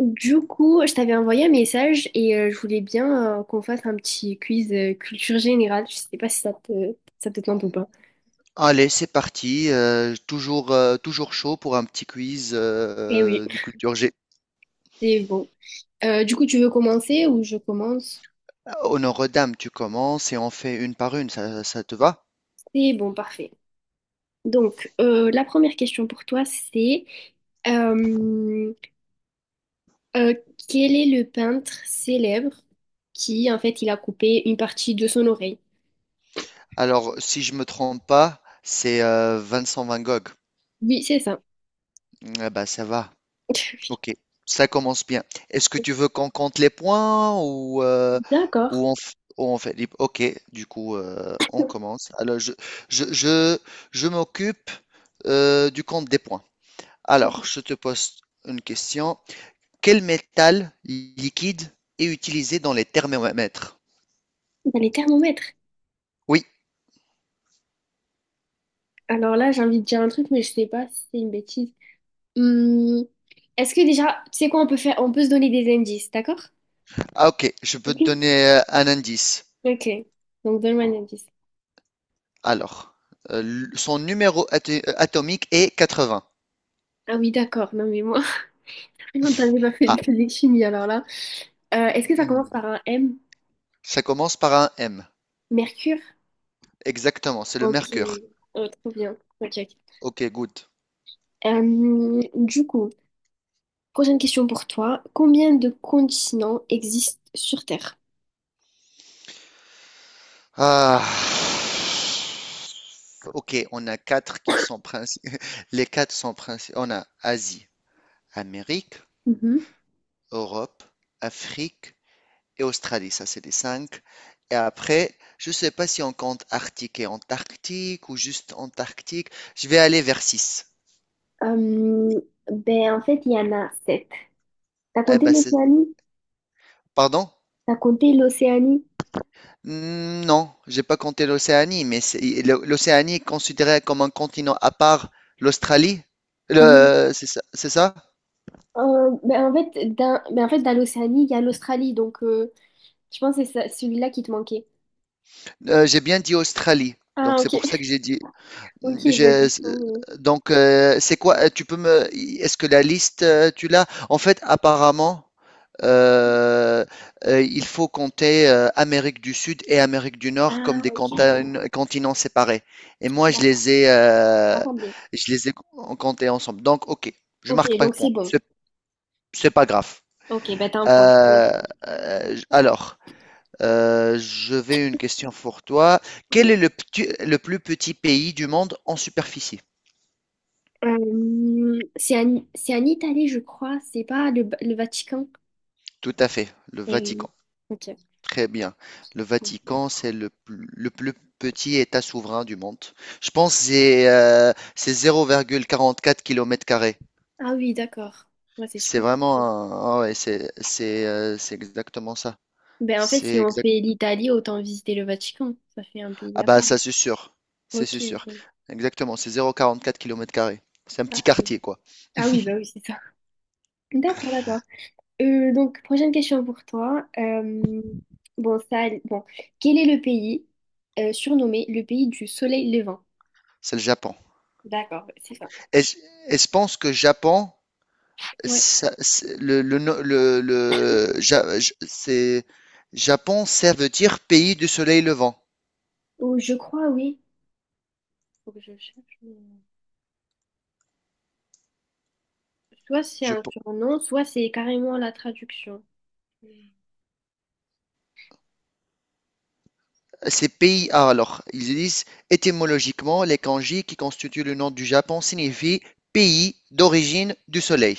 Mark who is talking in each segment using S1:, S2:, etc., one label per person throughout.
S1: Du coup, je t'avais envoyé un message et je voulais bien qu'on fasse un petit quiz culture générale. Je sais pas si ça te tente ou pas.
S2: Allez, c'est parti. Toujours, toujours chaud pour un petit quiz
S1: Eh oui,
S2: de culture G.
S1: c'est bon. Du coup, tu veux commencer ou je commence?
S2: Honneur aux dames, tu commences et on fait une par une. Ça te va?
S1: C'est bon, parfait. Donc, la première question pour toi, c'est euh, euh, quel est le peintre célèbre qui, en fait, il a coupé une partie de son oreille?
S2: Alors, si je me trompe pas, c'est Vincent Van Gogh.
S1: Oui, c'est ça.
S2: Ah bah, ça va. Ok, ça commence bien. Est-ce que tu veux qu'on compte les points,
S1: D'accord.
S2: ou on fait... libre. Ok, du coup, on commence. Alors, je, je, je m'occupe du compte des points.
S1: Dans
S2: Alors, je te pose une question. Quel métal liquide est utilisé dans les thermomètres?
S1: les thermomètres.
S2: Oui,
S1: Alors là, j'ai envie de dire un truc, mais je sais pas si c'est une bêtise. Hum, est-ce que déjà, tu sais quoi, on peut se donner des indices, d'accord?
S2: ah ok, je peux te
S1: Ok.
S2: donner un indice.
S1: Ok. Donc donne-moi un indice.
S2: Alors, euh, son numéro atomique est 80.
S1: Ah oui, d'accord. Non mais moi, on t'avait pas fait
S2: Ah,
S1: de physique chimie alors là. Est-ce que ça commence
S2: hmm,
S1: par un M?
S2: ça commence par un M.
S1: Mercure?
S2: Exactement, c'est le
S1: Ok.
S2: mercure.
S1: Oh, trop bien. Ok, ok.
S2: Ok, good.
S1: Du coup, prochaine question pour toi. Combien de continents existent sur Terre?
S2: Ah. Ok, on a quatre qui sont les quatre sont principaux. On a Asie, Amérique,
S1: Mhm.
S2: Europe, Afrique, et Australie, ça c'est les cinq. Et après, je ne sais pas si on compte Arctique et Antarctique ou juste Antarctique. Je vais aller vers 6.
S1: Hum, ben en fait, il y en a sept. T'as
S2: Eh
S1: compté
S2: ben,
S1: l'Océanie?
S2: Pardon?
S1: Raconter l'Océanie.
S2: Non, j'ai pas compté l'Océanie, mais l'Océanie est considérée comme un continent à part l'Australie.
S1: Oui.
S2: C'est ça? C'est ça.
S1: Ben en fait, ben en fait, dans l'Océanie, il y a l'Australie, donc je pense que c'est ça- celui-là qui te manquait.
S2: J'ai bien dit Australie, donc
S1: Ah, ok.
S2: c'est pour ça que j'ai dit.
S1: Ok, ben,
S2: j'ai-
S1: du coup,
S2: Donc, c'est quoi? Tu peux me. Est-ce que la liste, tu l'as? En fait, apparemment.
S1: euh,
S2: Euh, il faut compter Amérique du Sud et Amérique du Nord comme
S1: Ah,
S2: des
S1: ok,
S2: continents séparés. Et moi,
S1: d'accord, attendez.
S2: je les ai comptés ensemble. Donc, ok, je
S1: Ok,
S2: marque pas de
S1: donc c'est
S2: point.
S1: bon.
S2: C'est pas grave.
S1: Ok, ben t'as un point. Oui.
S2: Euh, alors, je vais une question pour toi. Quel
S1: Mhm.
S2: est le plus petit pays du monde en superficie?
S1: C'est en Italie, je crois, c'est pas le Vatican.
S2: Tout à fait, le
S1: Et,
S2: Vatican.
S1: oui. Ok.
S2: Très bien. Le Vatican, c'est le plus petit État souverain du monde. Je pense que c'est 0,44 kilomètres carrés.
S1: Ah oui, d'accord. Ouais, c'est
S2: C'est
S1: super
S2: vraiment
S1: compliqué.
S2: ah ouais, c'est exactement ça.
S1: Ben en fait,
S2: C'est
S1: si on
S2: exact.
S1: fait l'Italie, autant visiter le Vatican. Ça fait un pays
S2: Ah
S1: à
S2: bah
S1: part.
S2: ça c'est sûr. C'est
S1: Ok,
S2: c'est sûr.
S1: bon.
S2: Exactement, c'est 0,44 kilomètres carrés. C'est un petit quartier quoi.
S1: Ah oui, bah oui, c'est ça. D'accord, d'accord. Donc, prochaine question pour toi. Bon, ça, bon, quel est le pays surnommé le pays du soleil levant?
S2: C'est le Japon.
S1: D'accord, c'est ça.
S2: Et je, et je pense que Japon,
S1: Ouais.
S2: ça- c'est- le, no- le- Ja- Ja- c'est Japon, ça veut dire pays du soleil levant.
S1: Oh, je crois, oui. Faut que je cherche. Soit c'est
S2: Je
S1: un
S2: pe-
S1: surnom, soit c'est carrément la traduction.
S2: Ces pays, ah, alors, ils disent étymologiquement, les kanji qui constituent le nom du Japon signifient pays d'origine du soleil.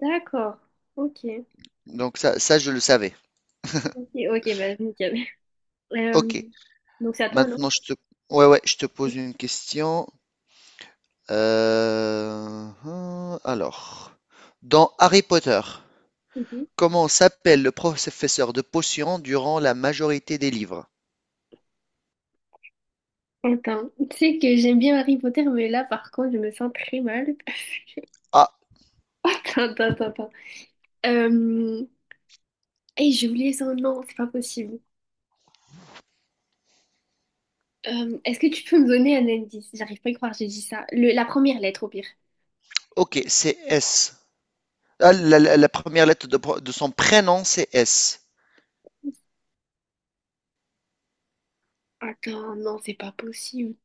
S1: D'accord. Ok.
S2: Donc ça, je le savais.
S1: Ok, ok, bah nickel. Euh,
S2: Ok.
S1: donc c'est à toi, non?
S2: Maintenant, ouais, ouais, je te pose une question. Alors, dans Harry Potter,
S1: Mhm.
S2: comment s'appelle le professeur de potions durant la majorité des livres?
S1: Attends, tu sais que j'aime bien Harry Potter, mais là par contre je me sens très mal.
S2: Ah,
S1: Attends. Euh... hey, j'ai oublié son nom, c'est pas possible. Est-ce que tu peux me donner un indice? J'arrive pas à y croire, j'ai dit ça. La première lettre, au pire.
S2: ok, c'est S. Ah, la première lettre de son prénom, c'est S.
S1: Attends, non, c'est pas possible.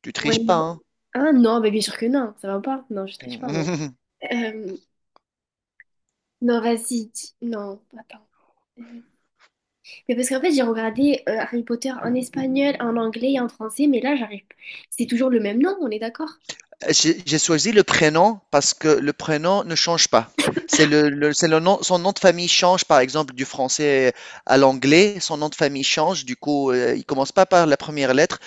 S2: Tu
S1: Ouais,
S2: triches pas,
S1: non.
S2: hein?
S1: Ah non, bah, bien sûr que non, ça va pas. Non, je triche pas, non.
S2: Mhm.
S1: Euh, non, non, attends. Euh, Mais parce qu'en fait, j'ai regardé Harry Potter en espagnol, en anglais et en français, mais là, j'arrive. C'est toujours le même nom, on est d'accord?
S2: J'ai choisi le prénom parce que le prénom ne change pas. C'est le nom, son nom de famille change, par exemple, du français à l'anglais, son nom de famille change, du coup, il commence pas par la première lettre.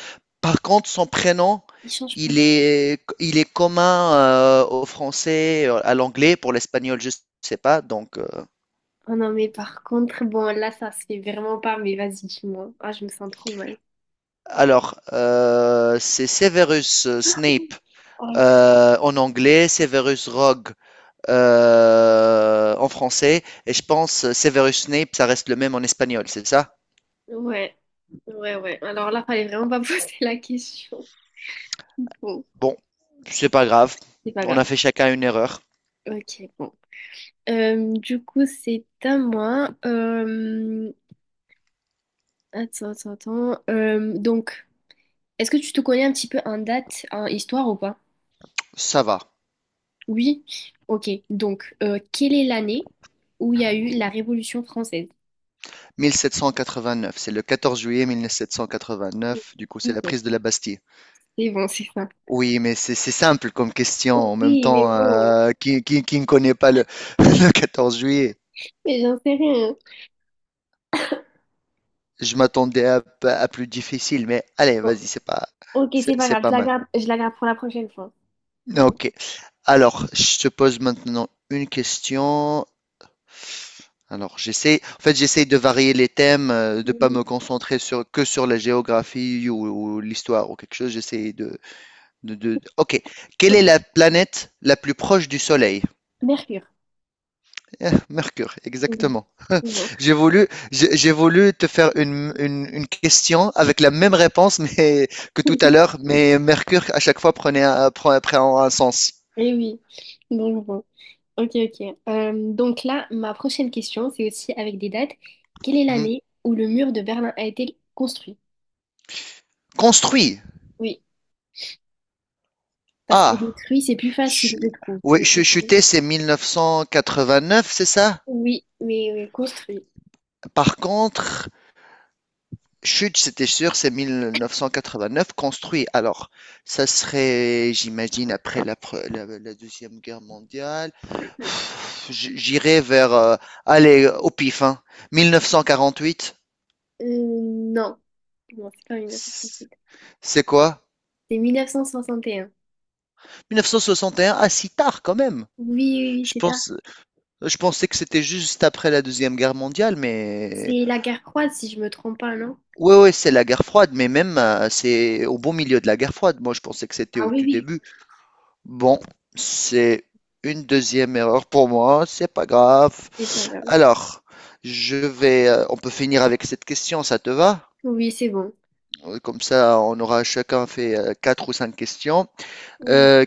S2: Par contre, son prénom,
S1: Il change pas.
S2: il est commun au français, à l'anglais, pour l'espagnol, je sais pas.
S1: Oh non, mais par contre, bon, là, ça se fait vraiment pas, mais vas-y, dis-moi. Ah, je me sens trop mal.
S2: Alors, c'est Severus Snape.
S1: Oh,
S2: En anglais, Severus Rogue en français, et je pense Severus Snape, ça reste le même en espagnol, c'est ça.
S1: ouais, ouais, ouais. Alors là, fallait vraiment pas poser la question. Bon,
S2: Bon, c'est pas grave,
S1: c'est pas
S2: on
S1: grave.
S2: a fait chacun une erreur,
S1: Ok, bon. Du coup, c'est à moi. Attends. Donc, est-ce que tu te connais un petit peu en date, en histoire ou pas?
S2: ça va.
S1: Oui? Ok, donc, quelle est l'année où il y a eu la Révolution française?
S2: 1789, c'est le 14 juillet 1789, du coup c'est la
S1: Nickel.
S2: prise de la Bastille.
S1: C'est bon, c'est ça.
S2: Oui, mais c'est simple comme question. En même
S1: Oui, mais
S2: temps,
S1: bon.
S2: qui ne connaît pas le 14 juillet?
S1: Mais j'en sais rien.
S2: Je m'attendais à plus difficile, mais allez,
S1: Bon,
S2: vas-y,
S1: ok, c'est pas
S2: c'est
S1: grave,
S2: pas mal.
S1: je la garde pour la prochaine fois. Bon.
S2: Ok. Alors, je te pose maintenant une question. Alors, j'essaie, en fait, j'essaie de varier les thèmes, de pas
S1: Mm,
S2: me concentrer que sur la géographie ou l'histoire ou quelque chose. J'essaie de- Ok. Quelle est
S1: ok.
S2: la planète la plus proche du Soleil?
S1: Mercure.
S2: Eh, Mercure,
S1: Mhm.
S2: exactement.
S1: Bon.
S2: J'ai voulu te faire une question avec la même réponse mais, que tout à l'heure, mais Mercure, à chaque fois, prend un sens.
S1: Eh oui. Donc bon. Ok, ok. Donc là, ma prochaine question, c'est aussi avec des dates. Quelle est
S2: Mhm.
S1: l'année où le mur de Berlin a été construit?
S2: Construit.
S1: Oui, parce que
S2: Ah.
S1: détruit, c'est plus facile, je
S2: Chu-
S1: trouve.
S2: Oui,
S1: Mais construit-
S2: Chuter, c'est 1989, c'est ça?
S1: Oui, mais oui, construit.
S2: Par contre, Chute, c'était sûr, c'est 1989, construit. Alors, ça serait, j'imagine, après la Deuxième Guerre mondiale. J'irais vers, allez, au pif, hein. 1948,
S1: Non, non, c'est pas
S2: c'est
S1: 1968.
S2: c'est quoi?
S1: C'est 1961.
S2: 1961, ah, si tard quand même.
S1: Oui, oui, oui,
S2: Je
S1: c'est tard.
S2: pense, je pensais que c'était juste après la Deuxième Guerre mondiale, mais
S1: C'est la guerre froide, si je me trompe pas, non?
S2: ouais, ouais, c'est la guerre froide, mais même c'est au bon milieu de la guerre froide. Moi, je pensais que c'était
S1: Ah
S2: au
S1: oui,
S2: tout
S1: oui,
S2: début. Bon, c'est une deuxième erreur pour moi, c'est pas grave.
S1: c'est pas grave.
S2: Alors, on peut finir avec cette question, ça te va?
S1: Oui, c'est bon.
S2: Comme ça, on aura chacun fait quatre ou cinq questions.
S1: Oui.
S2: Euh,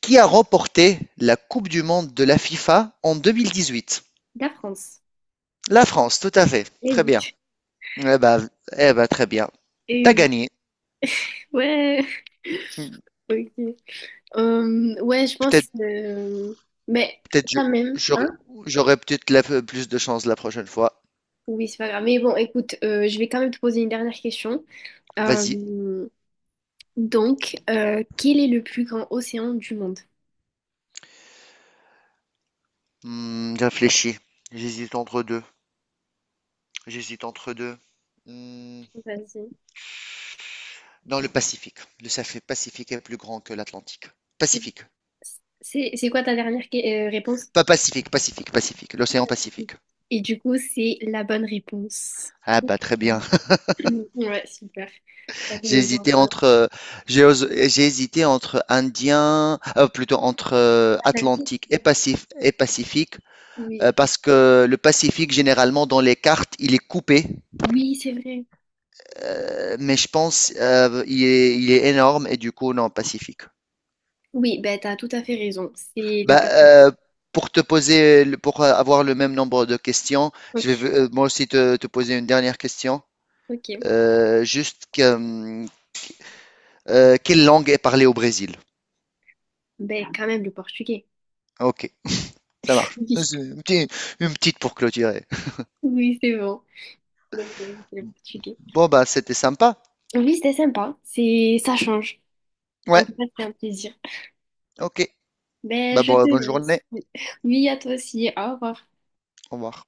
S2: qui a remporté la Coupe du Monde de la FIFA en 2018?
S1: La France.
S2: La France, tout à fait.
S1: Eh
S2: Très
S1: oui,
S2: bien. Eh ben, eh ben, très bien.
S1: eh
S2: T'as
S1: oui.
S2: gagné.
S1: Ouais, ok. Ouais, je pense.
S2: Peut-être
S1: Euh, mais
S2: Peut-être je
S1: quand même,
S2: j'aurais
S1: hein?
S2: j'aurais peut-être plus de chance la prochaine fois.
S1: Oui, c'est pas grave. Mais bon, écoute, je vais quand même te poser une dernière question.
S2: Vas-y.
S1: Euh, donc, quel est le plus grand océan du monde?
S2: Réfléchis. J'hésite entre deux. J'hésite entre deux. Hmm,
S1: Vas-y.
S2: Dans le Pacifique. Le Ça fait Pacifique est plus grand que l'Atlantique. Pacifique.
S1: C'est c'est quoi ta dernière réponse?
S2: Pas Pacifique, Pacifique, Pacifique. L'océan Pacifique.
S1: Et du coup, c'est la bonne réponse.
S2: Ah bah très bien.
S1: Ouais, super. Ça fait
S2: J'ai
S1: le bon
S2: hésité
S1: choix.
S2: entre euh, j'ai hésité entre Indien, plutôt entre
S1: Atlantique.
S2: Atlantique et Pacifique.
S1: Oui,
S2: Parce que le Pacifique, généralement, dans les cartes, il est coupé
S1: oui, c'est vrai.
S2: mais je pense il est énorme et du coup non Pacifique.
S1: Oui, ben t'as tout à fait raison. C'est le
S2: Bah,
S1: Pacifique.
S2: pour avoir le même nombre de questions, je
S1: Ok,
S2: vais moi aussi poser une dernière question.
S1: ok.
S2: Juste que, quelle langue est parlée au Brésil?
S1: Ben quand même le portugais.
S2: Ok, ça marche. C'est une petite, une petite pour clôturer.
S1: Oui, oui, c'est bon. Donc c'est le portugais.
S2: Bon bah c'était sympa.
S1: Oui, c'était sympa. C'est, ça change. En
S2: Ouais,
S1: tout cas, c'était un plaisir.
S2: ok.
S1: Ben
S2: Bah
S1: je
S2: bon,
S1: te
S2: bonne
S1: laisse.
S2: journée.
S1: Oui, à toi aussi. Au revoir.
S2: Au revoir.